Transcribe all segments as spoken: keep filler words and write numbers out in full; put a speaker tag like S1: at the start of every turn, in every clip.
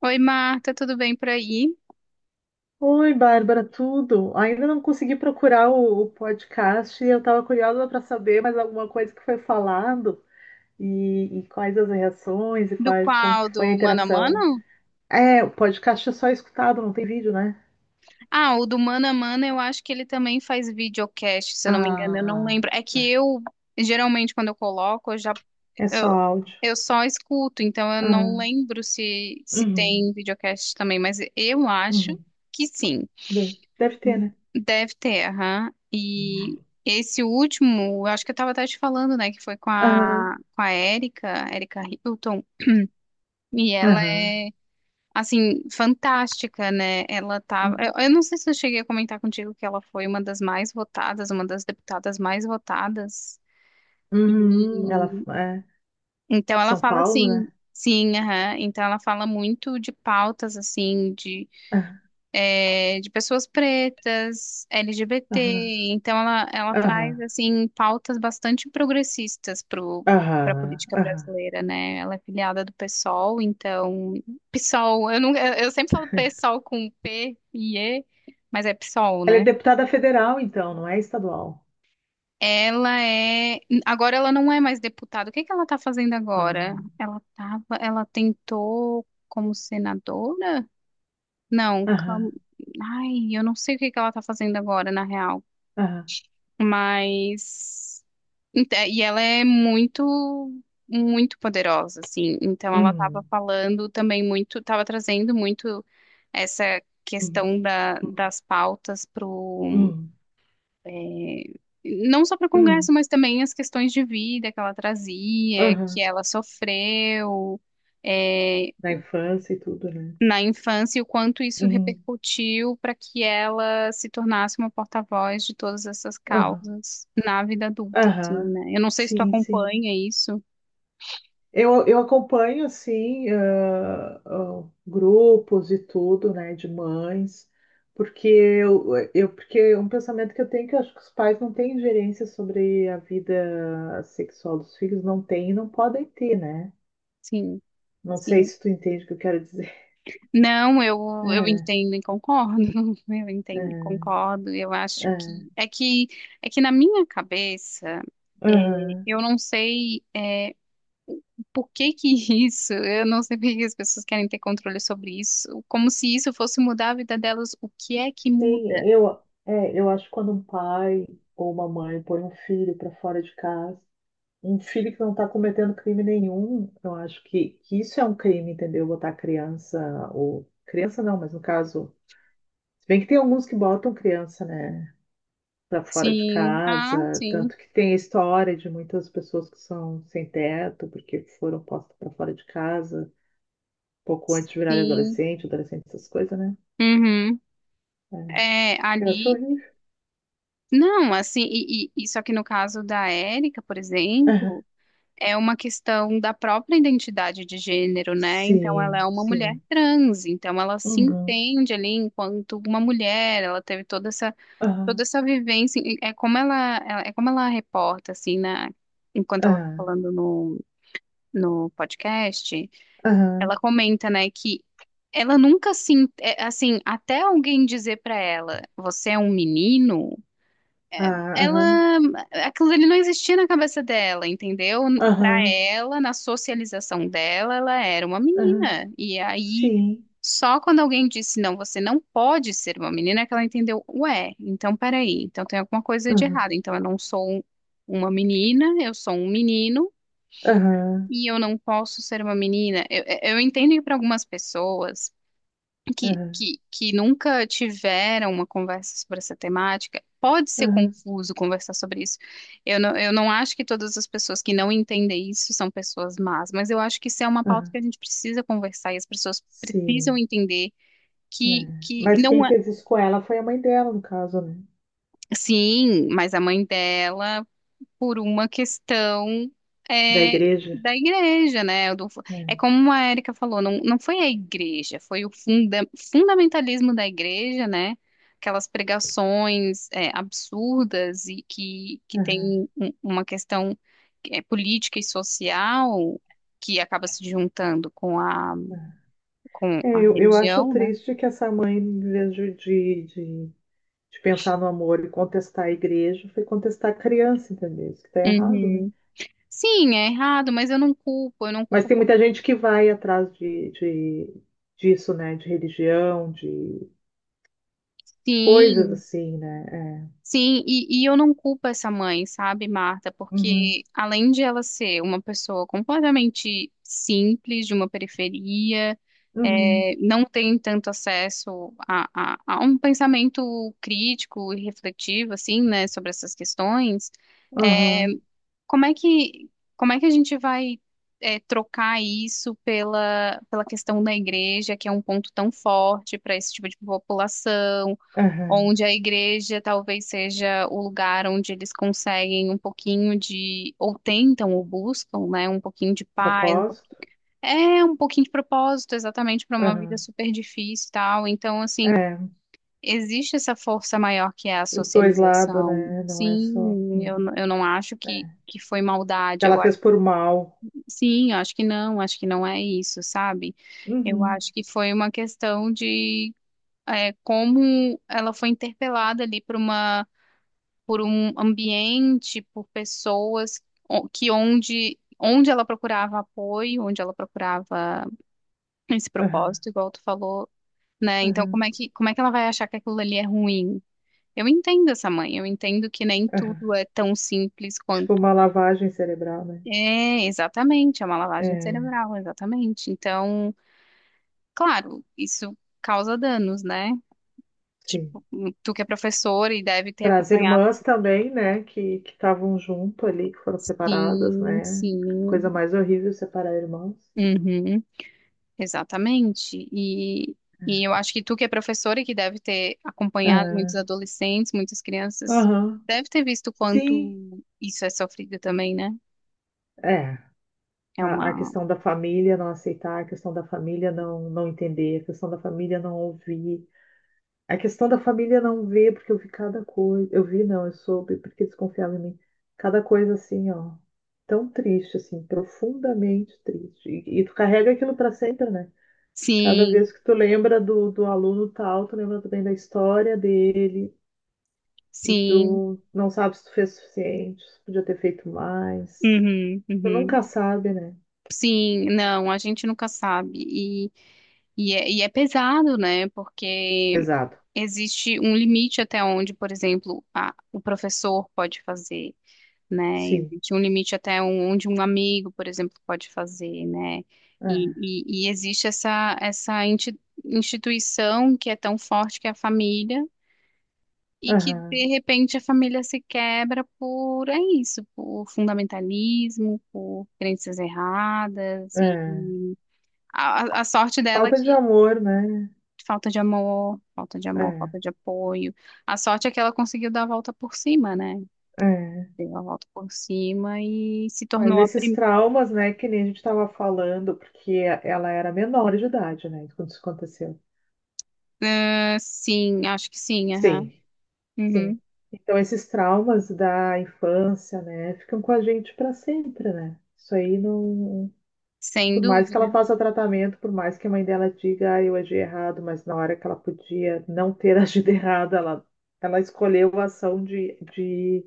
S1: Oi, Marta, tudo bem por aí?
S2: Oi, Bárbara, tudo? Ainda não consegui procurar o, o podcast e eu estava curiosa para saber mais alguma coisa que foi falado e, e quais as reações e
S1: Do
S2: quais como que
S1: qual?
S2: foi a
S1: Do Mano a
S2: interação.
S1: Mano?
S2: É, o podcast é só escutado, não tem vídeo, né?
S1: Ah, o do Mano a Mano eu acho que ele também faz videocast, se eu não me engano, eu não
S2: Ah,
S1: lembro. É que eu, geralmente, quando eu coloco, eu já,
S2: é só
S1: eu,
S2: áudio.
S1: eu só escuto, então eu não
S2: Ah,
S1: lembro se, se
S2: uhum,
S1: tem videocast também, mas eu acho
S2: uhum.
S1: que sim.
S2: De- Deve ter, né?
S1: Deve ter, aham. E esse último, eu acho que eu tava até te falando, né, que foi com a,
S2: Aham,
S1: com a Érica, Érica Hilton, e ela
S2: aham.
S1: é assim, fantástica, né? Ela tava. Eu, eu não sei se eu cheguei a comentar contigo que ela foi uma das mais votadas, uma das deputadas mais votadas.
S2: Uhum, ela
S1: E
S2: é
S1: então ela
S2: São
S1: fala
S2: Paulo,
S1: assim,
S2: né?
S1: sim, aham. Então ela fala muito de pautas assim, é, de pessoas pretas, L G B T.
S2: Aham,
S1: Então, ela, ela traz,
S2: aham,
S1: assim, pautas bastante progressistas pro, para a
S2: aham, aham,
S1: política
S2: aham.
S1: brasileira, né? Ela é filiada do PSOL, então... PSOL, eu, não, eu eu sempre falo PSOL com P e E, mas é PSOL,
S2: Ela é
S1: né?
S2: deputada federal, então, não é estadual.
S1: Ela é. Agora ela não é mais deputada. O que que ela está fazendo agora?
S2: Ah,
S1: Ela tava... ela tentou como senadora? Não,
S2: aham,
S1: cam- ai, eu não sei o que que ela está fazendo agora, na real.
S2: aham.
S1: Mas ent- é, e ela é muito muito poderosa, assim. Então ela estava
S2: Hum,
S1: falando também muito, estava trazendo muito essa
S2: hum,
S1: questão da, das pautas pro
S2: hum,
S1: é, não só para o Congresso,
S2: hum,
S1: mas também as questões de vida que ela trazia, que
S2: aham.
S1: ela sofreu. É,
S2: Da infância e tudo, né?
S1: na infância e o quanto isso
S2: Uhum,
S1: repercutiu para que ela se tornasse uma porta-voz de todas essas
S2: aham,
S1: causas na vida adulta, assim,
S2: aham.
S1: né? Eu não sei se tu
S2: Sim, sim.
S1: acompanha isso.
S2: Eu, eu acompanho, assim, ah, ah, grupos e tudo, né, de mães, porque eu, eu, porque é um pensamento que eu tenho que eu acho que os pais não têm ingerência sobre a vida sexual dos filhos, não têm e não podem ter, né?
S1: Sim,
S2: Não sei
S1: sim.
S2: se tu entende o que eu quero dizer.
S1: Não, eu, eu
S2: É,
S1: entendo e concordo. Eu entendo e
S2: é,
S1: concordo. Eu acho que
S2: é.
S1: é que é que na minha cabeça é,
S2: Aham.
S1: eu não sei é, por que que isso, eu não sei por que as pessoas querem ter controle sobre isso, como se isso fosse mudar a vida delas. O que é que muda?
S2: Sim, eu, é, eu acho que quando um pai ou uma mãe põe um filho para fora de casa, um filho que não está cometendo crime nenhum, eu acho que, que isso é um crime, entendeu? Botar criança, ou criança não, mas no caso, se bem que tem alguns que botam criança, né, para fora de
S1: Sim, ah,
S2: casa,
S1: sim,
S2: tanto que tem a história de muitas pessoas que são sem teto porque foram postas para fora de casa pouco antes de virarem
S1: sim.
S2: adolescente, adolescente, essas coisas, né?
S1: Uhum.
S2: É.
S1: É,
S2: Eu acho
S1: ali.
S2: horrível.
S1: Não, assim, e, e, e só que no caso da Érica, por
S2: Aham.
S1: exemplo, é uma questão da própria identidade de gênero, né? Então ela é
S2: Sim,
S1: uma mulher
S2: sim.
S1: trans, então ela se
S2: Uhum.
S1: entende ali enquanto uma mulher, ela teve toda essa,
S2: Aham.
S1: toda essa vivência, e é como ela, ela- é como ela reporta, assim, na, enquanto ela tá
S2: Aham.
S1: falando no, no podcast.
S2: Aham.
S1: Ela comenta, né, que ela nunca se, en- é, assim, até alguém dizer pra ela, você é um menino,
S2: Ah, aham.
S1: ela, aquilo ali não existia na cabeça dela, entendeu? Pra
S2: Aham.
S1: ela, na socialização dela, ela era uma
S2: Aham.
S1: menina. E aí,
S2: Sim.
S1: só quando alguém disse, não, você não pode ser uma menina, é que ela entendeu, ué, então peraí, então tem alguma coisa de
S2: Aham.
S1: errado. Então eu não sou um- uma menina, eu sou um menino.
S2: Aham.
S1: E eu não posso ser uma menina. Eu, eu entendo que para algumas pessoas que,
S2: Aham.
S1: que, que nunca tiveram uma conversa sobre essa temática, pode ser
S2: Aham.
S1: confuso conversar sobre isso. Eu não, eu não acho que todas as pessoas que não entendem isso são pessoas más, mas eu acho que isso é uma pauta
S2: Aham.
S1: que a gente precisa conversar e as pessoas precisam
S2: Sim.
S1: entender
S2: É.
S1: que, que
S2: Mas
S1: não
S2: quem
S1: é.
S2: fez isso com ela foi a mãe dela, no caso, né?
S1: Sim, mas a mãe dela por uma questão
S2: Da
S1: é,
S2: igreja.
S1: da igreja, né? Do- é
S2: É.
S1: como a Érica falou, não, não foi a igreja, foi o funda- fundamentalismo da igreja, né? Aquelas pregações é, absurdas e que, que
S2: Aham.
S1: tem um- uma questão é, política e social que acaba se juntando com a,
S2: Aham.
S1: com
S2: É,
S1: a
S2: eu, eu acho
S1: religião, né?
S2: triste que essa mãe, em vez de, de, de de pensar no amor e contestar a igreja, foi contestar a criança, entendeu? Isso que está errado, né?
S1: Uhum. Sim, é errado, mas eu não culpo, eu não
S2: Mas
S1: culpo
S2: tem
S1: por
S2: muita gente que vai atrás de, de- disso, né? De religião, de coisas
S1: sim.
S2: assim, né?
S1: Sim, e, e eu não culpo essa mãe, sabe, Marta?
S2: É. Uhum,
S1: Porque além de ela ser uma pessoa completamente simples, de uma periferia,
S2: uhum,
S1: é, não tem tanto acesso a, a, a um pensamento crítico e refletivo, assim, né, sobre essas questões, é,
S2: aham,
S1: como é que, como é que a gente vai, é, trocar isso pela, pela questão da igreja, que é um ponto tão forte para esse tipo de população?
S2: aham.
S1: Onde a igreja talvez seja o lugar onde eles conseguem um pouquinho de, ou tentam ou buscam, né, um pouquinho de paz, um po-
S2: Propósito?
S1: é um pouquinho de propósito, exatamente para uma vida
S2: Aham.
S1: super difícil e tal. Então, assim,
S2: É,
S1: existe essa força maior que é a
S2: os dois lados,
S1: socialização.
S2: né? Não é só.
S1: Sim,
S2: Hum.
S1: eu, n- eu não acho que, que foi maldade.
S2: Que ela
S1: Eu, a-
S2: fez por mal.
S1: sim, eu acho que não, acho que não é isso, sabe? Eu
S2: Uhum,
S1: acho que foi uma questão de é, como ela foi interpelada ali por uma por um ambiente, por pessoas o- que onde onde ela procurava apoio, onde ela procurava esse
S2: aham,
S1: propósito, igual tu falou, né? Então
S2: aham,
S1: como é que como é que ela vai achar que aquilo ali é ruim? Eu entendo essa mãe, eu entendo que nem
S2: aham.
S1: tudo é tão simples
S2: Tipo
S1: quanto
S2: uma lavagem cerebral, né?
S1: é, exatamente, é uma lavagem
S2: É,
S1: cerebral, exatamente. Então, claro, isso causa danos, né?
S2: sim.
S1: Tipo, tu que é professor e deve ter
S2: Para as
S1: acompanhado.
S2: irmãs também, né, que que estavam junto ali, que foram separadas,
S1: Sim,
S2: né?
S1: sim.
S2: Coisa mais horrível separar irmãos.
S1: Uhum. Exatamente. E, e eu acho que tu, que é professora e que deve ter acompanhado muitos
S2: É,
S1: adolescentes, muitas crianças,
S2: aham.
S1: deve ter visto o
S2: Sim,
S1: quanto isso é sofrido também, né?
S2: é.
S1: É
S2: A, a
S1: uma.
S2: questão da família não aceitar, a questão da família não, não entender, a questão da família não ouvir, a questão da família não ver, porque eu vi cada coisa. Eu vi, não, eu soube, porque desconfiava em mim. Cada coisa assim, ó. Tão triste, assim, profundamente triste. E, e tu carrega aquilo para sempre, né? Cada
S1: Sim,
S2: vez que tu lembra do, do aluno tal, tu lembra também da história dele e
S1: sim,
S2: tu não sabe se tu fez o suficiente, se podia ter feito mais.
S1: uhum,
S2: Tu
S1: uhum.
S2: nunca sabe, né?
S1: Sim, não, a gente nunca sabe. E, e, é, e é pesado, né? Porque
S2: Pesado.
S1: existe um limite até onde, por exemplo, a, o professor pode fazer. Né?
S2: Sim.
S1: Existe um limite até um- onde um amigo, por exemplo, pode fazer, né? E,
S2: É.
S1: e, e existe essa, essa inti- instituição que é tão forte que é a família e que, de
S2: Aham.
S1: repente, a família se quebra por, é isso, por fundamentalismo, por crenças erradas e
S2: É.
S1: e a, a a sorte dela é
S2: Falta de
S1: que
S2: amor, né?
S1: falta de amor, falta de amor,
S2: É.
S1: falta de apoio. A sorte é que ela conseguiu dar a volta por cima, né?
S2: É.
S1: Deu a volta por cima e se
S2: Mas
S1: tornou a
S2: esses
S1: primeira.
S2: traumas, né, que nem a gente estava falando, porque ela era menor de idade, né, quando isso aconteceu.
S1: Ah, sim, acho que sim, aham.
S2: Sim. Sim.
S1: Uhum.
S2: Então, esses traumas da infância, né, ficam com a gente para sempre, né? Isso aí não.
S1: Sem
S2: Por mais que ela
S1: dúvida.
S2: faça tratamento, por mais que a mãe dela diga, ah, eu agi errado, mas na hora que ela podia não ter agido errado, ela, ela escolheu a ação de, de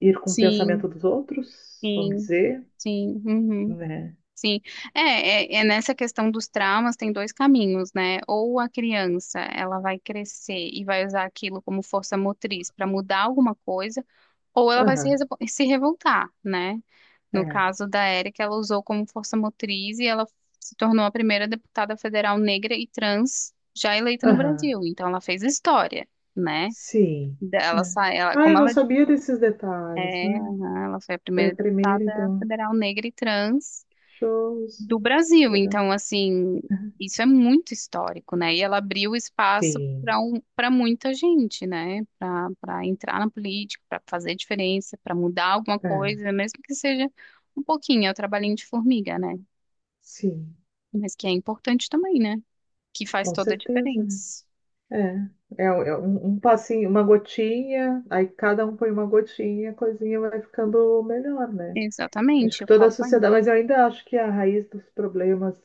S2: ir com o
S1: Sim,
S2: pensamento dos outros, vamos
S1: sim,
S2: dizer,
S1: sim, uhum,
S2: né?
S1: sim. É, é, é nessa questão dos traumas tem dois caminhos, né? Ou a criança, ela vai crescer e vai usar aquilo como força motriz para mudar alguma coisa, ou ela vai se,
S2: Aham,
S1: resvo- se revoltar, né? No
S2: é.
S1: caso da Érica, ela usou como força motriz e ela se tornou a primeira deputada federal negra e trans já eleita no
S2: Aham,
S1: Brasil. Então, ela fez história, né?
S2: sim,
S1: Ela
S2: é.
S1: sai, ela,
S2: Ah,
S1: como
S2: eu não
S1: ela
S2: sabia desses detalhes,
S1: é,
S2: né?
S1: aham, ela foi a
S2: Foi a
S1: primeira
S2: primeira,
S1: deputada
S2: então.
S1: federal negra e trans
S2: Show,
S1: do
S2: isso.
S1: Brasil.
S2: Legal.
S1: Então, assim, isso é muito histórico, né? E ela abriu espaço
S2: Sim,
S1: para um, para muita gente, né? Para para entrar na política, para fazer diferença, para mudar alguma
S2: é,
S1: coisa, mesmo que seja um pouquinho, é o trabalhinho de formiga, né?
S2: sim,
S1: Mas que é importante também, né? Que faz
S2: com
S1: toda a
S2: certeza, né.
S1: diferença.
S2: É, é é um um passinho, uma gotinha, aí cada um põe uma gotinha, a coisinha vai ficando melhor, né. Acho
S1: Exatamente,
S2: que
S1: o
S2: toda a
S1: copo aí.
S2: sociedade, mas eu ainda acho que a raiz dos problemas,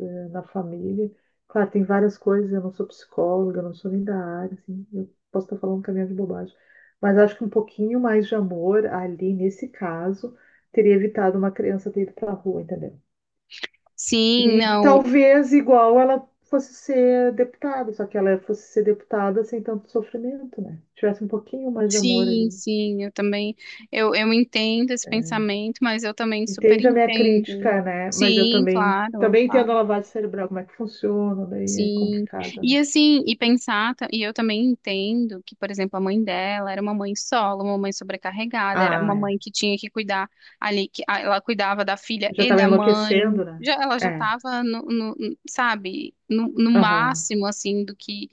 S2: eh, na família, claro, tem várias coisas, eu não sou psicóloga, eu não sou nem da área, assim, eu posso estar falando um caminhão de bobagem, mas acho que um pouquinho mais de amor ali, nesse caso, teria evitado uma criança ter ido pra rua, entendeu?
S1: Sim,
S2: E
S1: não.
S2: talvez igual ela fosse ser deputada, só que ela fosse ser deputada sem tanto sofrimento, né? Tivesse um pouquinho mais de amor
S1: Sim,
S2: ali.
S1: sim, eu também, eu, eu entendo esse pensamento, mas eu também super
S2: Entende a minha
S1: entendo.
S2: crítica, né? Mas eu
S1: Sim,
S2: também
S1: claro,
S2: também
S1: claro,
S2: entendo a lavagem cerebral, como é que funciona, daí é
S1: sim.
S2: complicado, né?
S1: E assim, e pensar, ta- e eu também entendo que, por exemplo, a mãe dela era uma mãe solo, uma mãe sobrecarregada, era
S2: Ah,
S1: uma
S2: é.
S1: mãe que tinha que cuidar ali, que a- ela cuidava da filha
S2: Já
S1: e
S2: estava
S1: da
S2: enlouquecendo,
S1: mãe,
S2: né?
S1: já, ela já
S2: É,
S1: estava no, no- sabe, no, no
S2: aham,
S1: máximo, assim, do que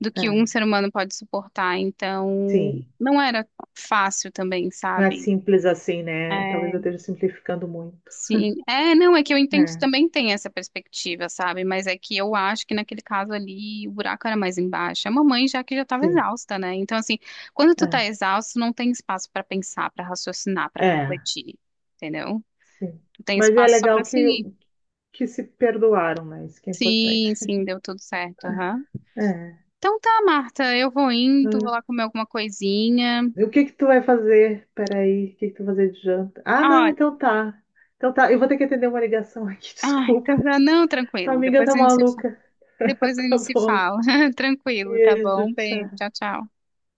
S1: do
S2: é,
S1: que um ser humano pode suportar. Então,
S2: sim.
S1: não era fácil também,
S2: Não é
S1: sabe?
S2: simples assim, né? Talvez eu
S1: É,
S2: esteja simplificando muito.
S1: sim. É, não, é que eu entendo que
S2: É,
S1: também tem essa perspectiva, sabe? Mas é que eu acho que naquele caso ali o buraco era mais embaixo. A mamãe já que já estava
S2: sim,
S1: exausta, né? Então, assim, quando tu tá
S2: é,
S1: exausto, não tem espaço para pensar, para raciocinar, para
S2: é,
S1: refletir, entendeu?
S2: sim.
S1: Tu tem
S2: Mas é
S1: espaço só para
S2: legal que
S1: seguir.
S2: que se perdoaram, né? Isso que é importante.
S1: Sim, sim, deu tudo certo, aham.
S2: É.
S1: Então tá, Marta, eu vou indo, vou lá
S2: Ah,
S1: comer alguma coisinha.
S2: o que que tu vai fazer? Peraí, o que que tu vai fazer de janta? Ah, não,
S1: Olha,
S2: então tá. Então tá, eu vou ter que atender uma ligação aqui,
S1: ai,
S2: desculpa.
S1: tá, tá- não,
S2: Tua
S1: tranquilo.
S2: amiga
S1: Depois
S2: tá
S1: a gente se, fa-
S2: maluca.
S1: depois a
S2: Tá
S1: gente se
S2: bom.
S1: fala. Tranquilo, tá bom?
S2: Beijo,
S1: Um beijo,
S2: tchau.
S1: tchau, tchau.